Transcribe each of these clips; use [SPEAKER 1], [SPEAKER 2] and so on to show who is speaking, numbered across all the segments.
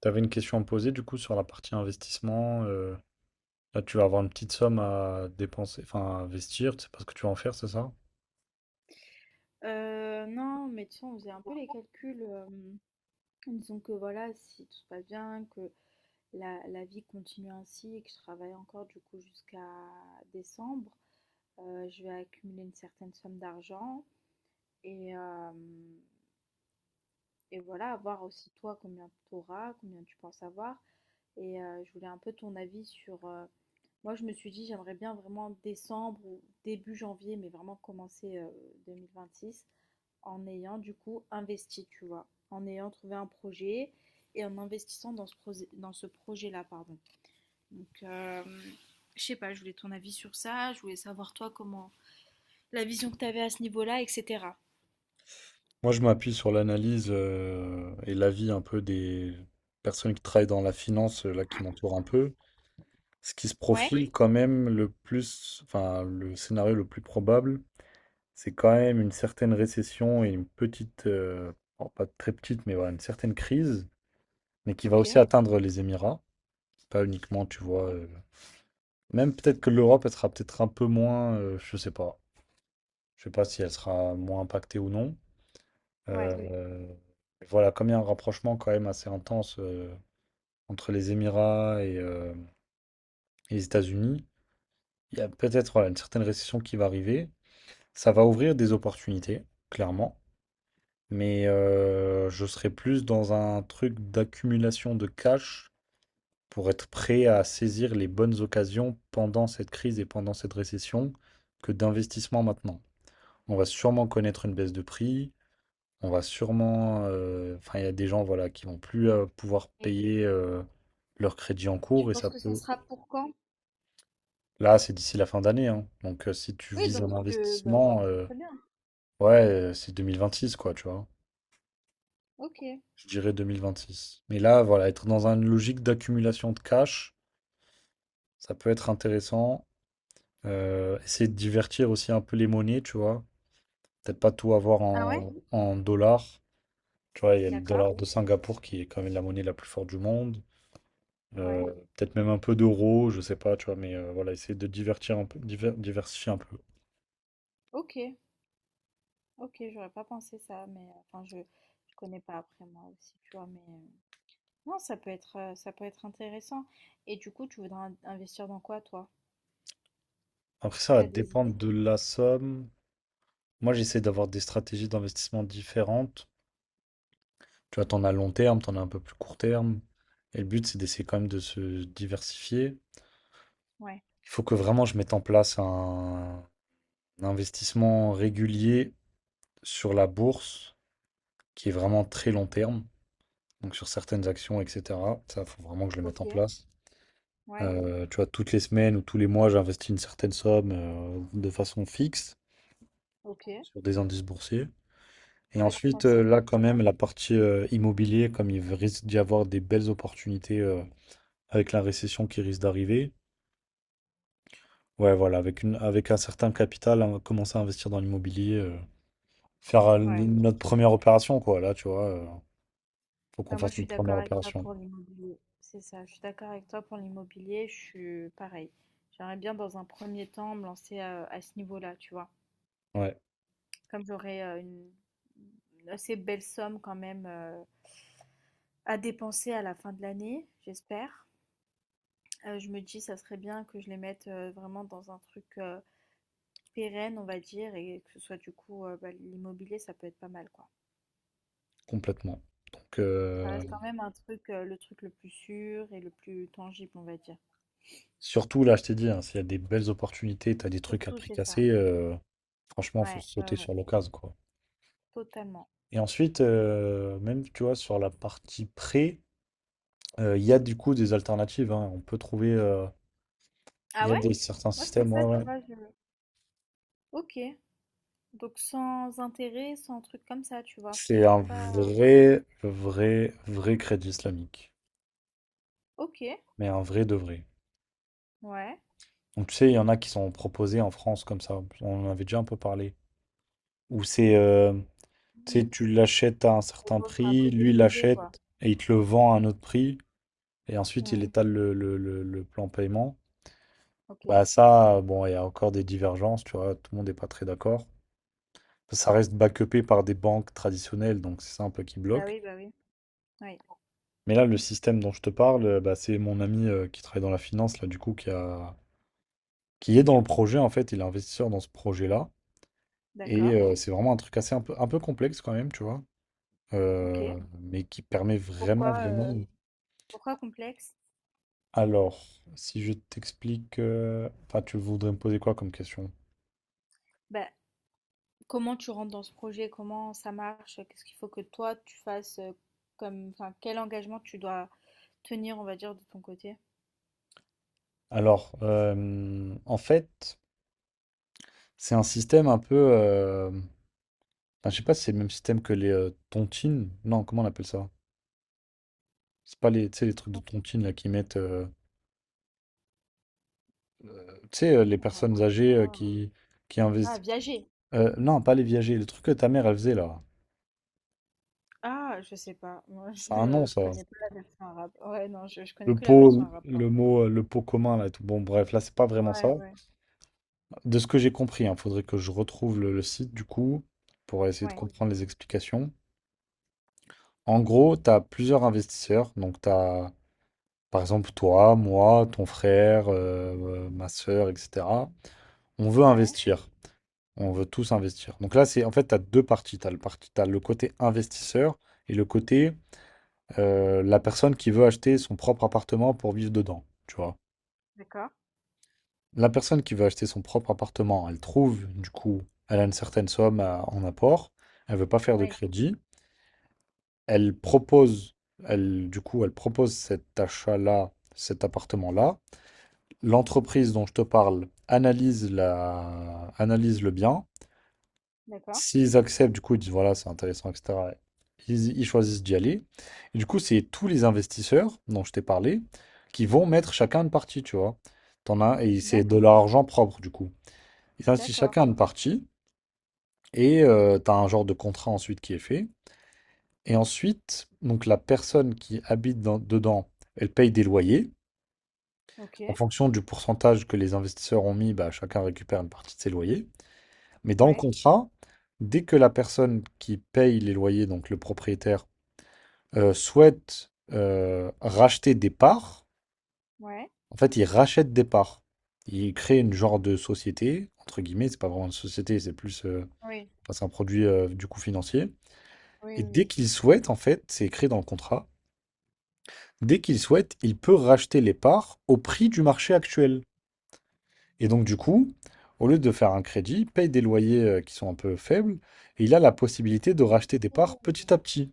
[SPEAKER 1] T'avais une question à me poser du coup sur la partie investissement. Là, tu vas avoir une petite somme à dépenser, enfin à investir, tu sais pas ce que tu vas en faire, c'est ça?
[SPEAKER 2] Non, mais tu sais, on faisait un peu les calculs, en disant que voilà, si tout se passe bien, que la vie continue ainsi et que je travaille encore du coup jusqu'à décembre. Je vais accumuler une certaine somme d'argent et hem et voilà, voir aussi toi combien tu auras, combien tu penses avoir. Et je voulais un peu ton avis sur, moi je me suis dit: «J'aimerais bien vraiment décembre ou début janvier, mais vraiment commencer, 2026, en ayant du coup investi, tu vois, en ayant trouvé un projet et en investissant dans dans ce projet-là, pardon.» Donc, je sais pas, je voulais ton avis sur ça, je voulais savoir toi comment, la vision que tu avais à ce niveau-là, etc.
[SPEAKER 1] Moi, je m'appuie sur l'analyse et l'avis un peu des personnes qui travaillent dans la finance, là, qui m'entourent un peu. Ce qui se
[SPEAKER 2] Ouais,
[SPEAKER 1] profile Oui. quand même le plus, enfin le scénario le plus probable, c'est quand même une certaine récession et une petite, bon, pas très petite, mais voilà, une certaine crise, mais qui va
[SPEAKER 2] ok,
[SPEAKER 1] aussi atteindre les Émirats. Pas uniquement, tu vois.
[SPEAKER 2] ok,
[SPEAKER 1] Même peut-être que l'Europe, elle sera peut-être un peu moins, je sais pas. Je sais pas si elle sera moins impactée ou non.
[SPEAKER 2] ouais.
[SPEAKER 1] Oui. Voilà, comme il y a un rapprochement quand même assez intense entre les Émirats et les États-Unis, il y a peut-être voilà, une certaine récession qui va arriver. Ça va ouvrir des opportunités, clairement. Mais je serai plus dans un truc d'accumulation de cash pour être prêt à saisir les bonnes occasions pendant cette crise et pendant cette récession que d'investissement maintenant. On va sûrement connaître une baisse de prix. On va sûrement. Enfin, il y a des gens voilà, qui vont plus pouvoir
[SPEAKER 2] Et
[SPEAKER 1] payer leur crédit en
[SPEAKER 2] tu
[SPEAKER 1] cours et
[SPEAKER 2] penses
[SPEAKER 1] ça
[SPEAKER 2] que ça
[SPEAKER 1] peut.
[SPEAKER 2] sera pour quand?
[SPEAKER 1] Là, c'est d'ici la fin d'année. Hein. Donc, si tu
[SPEAKER 2] Oui,
[SPEAKER 1] vises
[SPEAKER 2] donc
[SPEAKER 1] un
[SPEAKER 2] bah, c'est
[SPEAKER 1] investissement,
[SPEAKER 2] très bien.
[SPEAKER 1] ouais, c'est six quoi, tu vois.
[SPEAKER 2] Ok.
[SPEAKER 1] Je dirais 2026. Mais là, voilà, être dans une logique d'accumulation de cash, ça peut être intéressant. Essayer de divertir aussi un peu les monnaies, tu vois. Peut-être pas tout avoir
[SPEAKER 2] Ah ouais?
[SPEAKER 1] en, en dollars. Tu vois, il y a le
[SPEAKER 2] D'accord,
[SPEAKER 1] dollar de Singapour qui est quand même la monnaie la plus forte du monde. Euh,
[SPEAKER 2] ouais,
[SPEAKER 1] peut-être même un peu d'euros, je sais pas, tu vois, mais voilà, essayer de divertir un peu, diversifier un peu.
[SPEAKER 2] ok, ok, j'aurais pas pensé ça, mais enfin, je connais pas. Après moi aussi, tu vois, mais non, ça peut être intéressant. Et du coup, tu voudrais in investir dans quoi, toi?
[SPEAKER 1] Après, ça va
[SPEAKER 2] T'as des
[SPEAKER 1] dépendre
[SPEAKER 2] idées?
[SPEAKER 1] de la somme. Moi, j'essaie d'avoir des stratégies d'investissement différentes. Tu vois, t'en as long terme, t'en as un peu plus court terme. Et le but, c'est d'essayer quand même de se diversifier.
[SPEAKER 2] Ouais.
[SPEAKER 1] Il faut que vraiment je mette en place un investissement régulier sur la bourse qui est vraiment très long terme. Donc sur certaines actions, etc. Ça, faut vraiment que je le mette en
[SPEAKER 2] OK.
[SPEAKER 1] place.
[SPEAKER 2] Ouais.
[SPEAKER 1] Tu vois, toutes les semaines ou tous les mois, j'investis une certaine somme de façon fixe
[SPEAKER 2] OK.
[SPEAKER 1] sur des indices boursiers. Et
[SPEAKER 2] Ouais, tu
[SPEAKER 1] ensuite,
[SPEAKER 2] penses que ça peut
[SPEAKER 1] là,
[SPEAKER 2] être
[SPEAKER 1] quand
[SPEAKER 2] pas mal?
[SPEAKER 1] même, la partie immobilier, comme il risque d'y avoir des belles opportunités avec la récession qui risque d'arriver. Ouais, voilà, avec une, avec un certain capital, hein, commencer à investir dans l'immobilier, faire
[SPEAKER 2] Ouais.
[SPEAKER 1] notre première opération, quoi. Là, tu vois, faut qu'on
[SPEAKER 2] Bah, moi, je
[SPEAKER 1] fasse
[SPEAKER 2] suis
[SPEAKER 1] notre
[SPEAKER 2] d'accord
[SPEAKER 1] première
[SPEAKER 2] avec toi
[SPEAKER 1] opération.
[SPEAKER 2] pour l'immobilier. C'est ça, je suis d'accord avec toi pour l'immobilier, je suis pareil. J'aimerais bien dans un premier temps me lancer, à ce niveau-là, tu vois?
[SPEAKER 1] Ouais,
[SPEAKER 2] Comme j'aurais, une assez belle somme quand même, à dépenser à la fin de l'année, j'espère. Je me dis ça serait bien que je les mette, vraiment dans un truc, pérenne, on va dire, et que ce soit du coup, bah, l'immobilier, ça peut être pas mal, quoi.
[SPEAKER 1] complètement. Donc,
[SPEAKER 2] Ça reste quand même un truc, le truc le plus sûr et le plus tangible, on va dire.
[SPEAKER 1] Surtout là, je t'ai dit, hein, s'il y a des belles opportunités, t'as des trucs à
[SPEAKER 2] Surtout,
[SPEAKER 1] prix
[SPEAKER 2] c'est ça.
[SPEAKER 1] cassé, franchement, faut
[SPEAKER 2] Ouais, ouais,
[SPEAKER 1] sauter
[SPEAKER 2] ouais,
[SPEAKER 1] sur l'occasion, quoi.
[SPEAKER 2] totalement.
[SPEAKER 1] Et ensuite, même, tu vois, sur la partie prêt, il y a du coup des alternatives, hein. On peut trouver, il
[SPEAKER 2] Ah
[SPEAKER 1] y a
[SPEAKER 2] ouais?
[SPEAKER 1] des, certains
[SPEAKER 2] Moi, c'est
[SPEAKER 1] systèmes,
[SPEAKER 2] ça,
[SPEAKER 1] ouais,
[SPEAKER 2] tu
[SPEAKER 1] ouais.
[SPEAKER 2] vois, je OK, donc sans intérêt, sans truc comme ça, tu vois? Parce
[SPEAKER 1] C'est
[SPEAKER 2] que je
[SPEAKER 1] un
[SPEAKER 2] suis pas
[SPEAKER 1] vrai, vrai, vrai crédit islamique.
[SPEAKER 2] OK,
[SPEAKER 1] Mais un vrai de vrai.
[SPEAKER 2] ouais.
[SPEAKER 1] Donc, tu sais, il y en a qui sont proposés en France comme ça. On en avait déjà un peu parlé. Où c'est, tu sais,
[SPEAKER 2] Oui,
[SPEAKER 1] tu l'achètes à un
[SPEAKER 2] mais
[SPEAKER 1] certain
[SPEAKER 2] bon, c'est un
[SPEAKER 1] prix,
[SPEAKER 2] peu
[SPEAKER 1] lui
[SPEAKER 2] déguisé, quoi.
[SPEAKER 1] l'achète et il te le vend à un autre prix. Et ensuite il
[SPEAKER 2] Mmh.
[SPEAKER 1] étale le plan paiement.
[SPEAKER 2] OK.
[SPEAKER 1] Bah ça, bon, il y a encore des divergences, tu vois, tout le monde n'est pas très d'accord. Ça reste backupé par des banques traditionnelles, donc c'est ça un peu qui
[SPEAKER 2] Bah
[SPEAKER 1] bloque.
[SPEAKER 2] oui, bah oui. Oui,
[SPEAKER 1] Mais là, le système dont je te parle, bah, c'est mon ami qui travaille dans la finance, là, du coup, qui a... qui est dans le projet, en fait, il est investisseur dans ce projet-là. Et
[SPEAKER 2] d'accord.
[SPEAKER 1] c'est vraiment un truc assez un peu complexe quand même, tu vois,
[SPEAKER 2] OK.
[SPEAKER 1] mais qui permet vraiment,
[SPEAKER 2] Pourquoi,
[SPEAKER 1] vraiment...
[SPEAKER 2] pourquoi complexe?
[SPEAKER 1] Alors, si je t'explique... Enfin, tu voudrais me poser quoi comme question?
[SPEAKER 2] Bah comment tu rentres dans ce projet? Comment ça marche? Qu'est-ce qu'il faut que toi tu fasses comme, enfin, quel engagement tu dois tenir, on va dire, de ton côté?
[SPEAKER 1] Alors, en fait, c'est un système un peu. Enfin, je sais pas si c'est le même système que les tontines. Non, comment on appelle ça? C'est pas les, tu sais, les trucs de tontines là qui mettent. Tu sais, les
[SPEAKER 2] Ah,
[SPEAKER 1] personnes âgées qui
[SPEAKER 2] ah,
[SPEAKER 1] investissent.
[SPEAKER 2] viager.
[SPEAKER 1] Non, pas les viagers. Le truc que ta mère elle faisait là.
[SPEAKER 2] Ah, je sais pas. Moi,
[SPEAKER 1] C'est un nom
[SPEAKER 2] je
[SPEAKER 1] ça.
[SPEAKER 2] connais pas la version arabe. Ouais, non, je connais
[SPEAKER 1] Le
[SPEAKER 2] que la version
[SPEAKER 1] pot,
[SPEAKER 2] arabe,
[SPEAKER 1] le
[SPEAKER 2] pardon.
[SPEAKER 1] mot, le pot commun là. Et tout. Bon, bref, là c'est pas vraiment ça.
[SPEAKER 2] Ouais, ouais,
[SPEAKER 1] De ce que j'ai compris, il faudrait que je retrouve le site du coup pour essayer de
[SPEAKER 2] ouais,
[SPEAKER 1] comprendre les explications. En gros, tu as plusieurs investisseurs. Donc, tu as Par exemple, toi, moi, ton frère, ma sœur, etc. On veut
[SPEAKER 2] ouais.
[SPEAKER 1] investir. On veut tous investir. Donc là, c'est en fait, tu as deux parties. Tu as le parti, t'as le côté investisseur et le côté la personne qui veut acheter son propre appartement pour vivre dedans. Tu vois.
[SPEAKER 2] D'accord.
[SPEAKER 1] La personne qui veut acheter son propre appartement, elle trouve, du coup, elle a une certaine somme en apport. Elle veut pas faire de
[SPEAKER 2] Oui,
[SPEAKER 1] crédit. Elle propose, elle, du coup, elle propose cet achat-là, cet appartement-là. L'entreprise dont je te parle analyse la... analyse le bien.
[SPEAKER 2] d'accord.
[SPEAKER 1] S'ils acceptent, du coup, ils disent voilà, c'est intéressant, etc. Ils choisissent d'y aller. Et du coup, c'est tous les investisseurs dont je t'ai parlé qui vont mettre chacun une partie, tu vois. T'en as, et c'est de
[SPEAKER 2] D'accord,
[SPEAKER 1] leur argent propre, du coup. Ils investissent
[SPEAKER 2] d'accord.
[SPEAKER 1] chacun une partie et t'as un genre de contrat ensuite qui est fait. Et ensuite, donc la personne qui dedans, elle paye des loyers.
[SPEAKER 2] Ok.
[SPEAKER 1] En fonction du pourcentage que les investisseurs ont mis, bah, chacun récupère une partie de ses loyers. Mais dans le
[SPEAKER 2] Ouais,
[SPEAKER 1] contrat, dès que la personne qui paye les loyers, donc le propriétaire, souhaite racheter des parts,
[SPEAKER 2] ouais.
[SPEAKER 1] en fait, il rachète des parts. Il crée une genre de société, entre guillemets, c'est pas vraiment une société, c'est plus
[SPEAKER 2] Oui,
[SPEAKER 1] enfin, c'est un produit du coup financier.
[SPEAKER 2] oui,
[SPEAKER 1] Et dès
[SPEAKER 2] oui.
[SPEAKER 1] qu'il souhaite, en fait, c'est écrit dans le contrat, dès qu'il souhaite, il peut racheter les parts au prix du marché actuel. Et donc, du coup, au lieu de faire un crédit, il paye des loyers qui sont un peu faibles et il a la possibilité de racheter des parts
[SPEAKER 2] Oui.
[SPEAKER 1] petit à petit.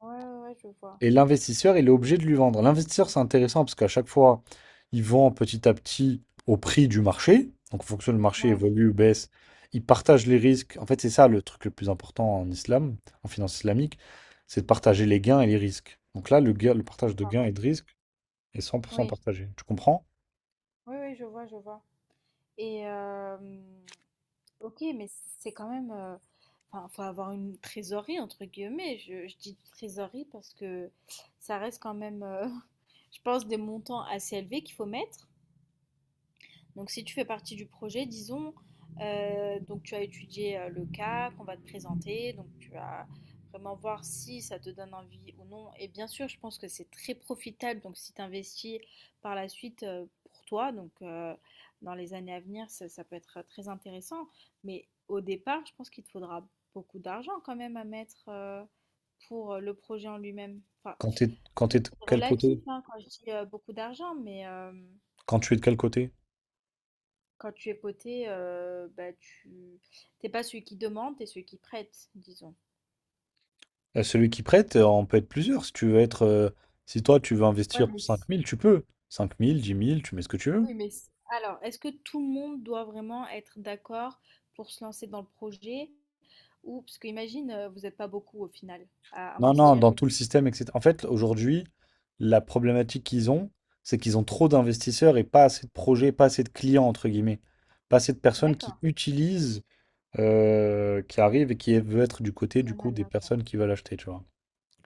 [SPEAKER 2] Ouais, ouais, ouais, je vois.
[SPEAKER 1] Et l'investisseur, il est obligé de lui vendre. L'investisseur, c'est intéressant parce qu'à chaque fois, il vend petit à petit au prix du marché. Donc, en fonction du marché
[SPEAKER 2] Ouais,
[SPEAKER 1] évolue ou baisse, il partage les risques. En fait, c'est ça le truc le plus important en islam, en finance islamique, c'est de partager les gains et les risques. Donc là, le partage de
[SPEAKER 2] d'accord.
[SPEAKER 1] gains et de risques est 100%
[SPEAKER 2] Oui,
[SPEAKER 1] partagé. Tu comprends?
[SPEAKER 2] oui, oui, je vois, je vois. Et ok, mais c'est quand même enfin, faut avoir une trésorerie, entre guillemets. Je dis trésorerie parce que ça reste quand même, je pense, des montants assez élevés qu'il faut mettre. Donc si tu fais partie du projet, disons, donc tu as étudié le cas qu'on va te présenter, donc tu vas vraiment voir si ça te donne envie ou non. Et bien sûr, je pense que c'est très profitable, donc si tu investis par la suite pour toi, donc dans les années à venir, ça peut être très intéressant. Mais au départ, je pense qu'il te faudra beaucoup d'argent quand même à mettre pour le projet en lui-même. Enfin,
[SPEAKER 1] Quand
[SPEAKER 2] après,
[SPEAKER 1] t'es de
[SPEAKER 2] c'est
[SPEAKER 1] quel
[SPEAKER 2] relatif
[SPEAKER 1] côté?
[SPEAKER 2] hein, quand je dis beaucoup d'argent, mais...
[SPEAKER 1] Quand tu es de quel côté?
[SPEAKER 2] quand tu es poté, bah, tu t'es pas celui qui demande, t'es celui qui prête, disons.
[SPEAKER 1] Celui qui prête, on peut être plusieurs. Si tu veux être, si toi tu veux
[SPEAKER 2] Ouais,
[SPEAKER 1] investir
[SPEAKER 2] mais
[SPEAKER 1] cinq
[SPEAKER 2] s
[SPEAKER 1] mille, tu peux. 5000, 10 000, tu mets ce que tu veux.
[SPEAKER 2] Oui, mais s alors, est-ce que tout le monde doit vraiment être d'accord pour se lancer dans le projet? Ou parce qu'imagine, vous êtes pas beaucoup au final à
[SPEAKER 1] Non, non,
[SPEAKER 2] investir.
[SPEAKER 1] dans tout le système, etc. En fait, aujourd'hui, la problématique qu'ils ont, c'est qu'ils ont trop d'investisseurs et pas assez de projets, pas assez de clients, entre guillemets. Pas assez de personnes qui
[SPEAKER 2] D'accord,
[SPEAKER 1] utilisent, qui arrivent et qui veulent être du côté, du coup,
[SPEAKER 2] canal
[SPEAKER 1] des
[SPEAKER 2] là quoi.
[SPEAKER 1] personnes qui veulent acheter, tu vois.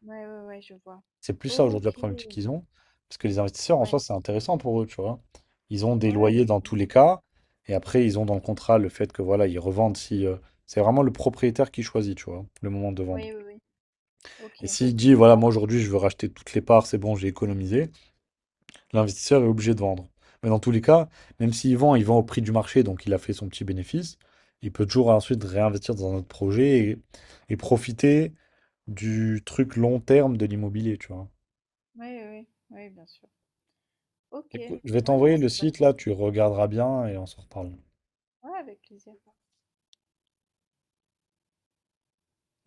[SPEAKER 2] Ouais, ouais, ouais, je vois.
[SPEAKER 1] C'est plus ça aujourd'hui la
[SPEAKER 2] OK.
[SPEAKER 1] problématique qu'ils ont. Parce que les investisseurs, en soi,
[SPEAKER 2] Ouais.
[SPEAKER 1] c'est intéressant pour eux, tu vois. Ils ont des
[SPEAKER 2] Ouais, ouais,
[SPEAKER 1] loyers dans tous
[SPEAKER 2] totalement.
[SPEAKER 1] les cas. Et après, ils ont dans le contrat le fait que voilà, ils revendent si. C'est vraiment le propriétaire qui choisit, tu vois, le moment de vendre.
[SPEAKER 2] Oui, oui, oui. OK,
[SPEAKER 1] Et s'il dit, voilà,
[SPEAKER 2] d'accord.
[SPEAKER 1] moi aujourd'hui, je veux racheter toutes les parts, c'est bon, j'ai économisé, l'investisseur est obligé de vendre. Mais dans tous les cas, même s'il vend, il vend au prix du marché, donc il a fait son petit bénéfice. Il peut toujours ensuite réinvestir dans un autre projet et profiter du truc long terme de l'immobilier, tu vois.
[SPEAKER 2] Oui, oui, oui, bien sûr. OK. Ouais,
[SPEAKER 1] Écoute, je vais
[SPEAKER 2] non,
[SPEAKER 1] t'envoyer le
[SPEAKER 2] c'est
[SPEAKER 1] site,
[SPEAKER 2] vachement
[SPEAKER 1] là, tu regarderas bien et on se reparle.
[SPEAKER 2] ouais, avec plaisir.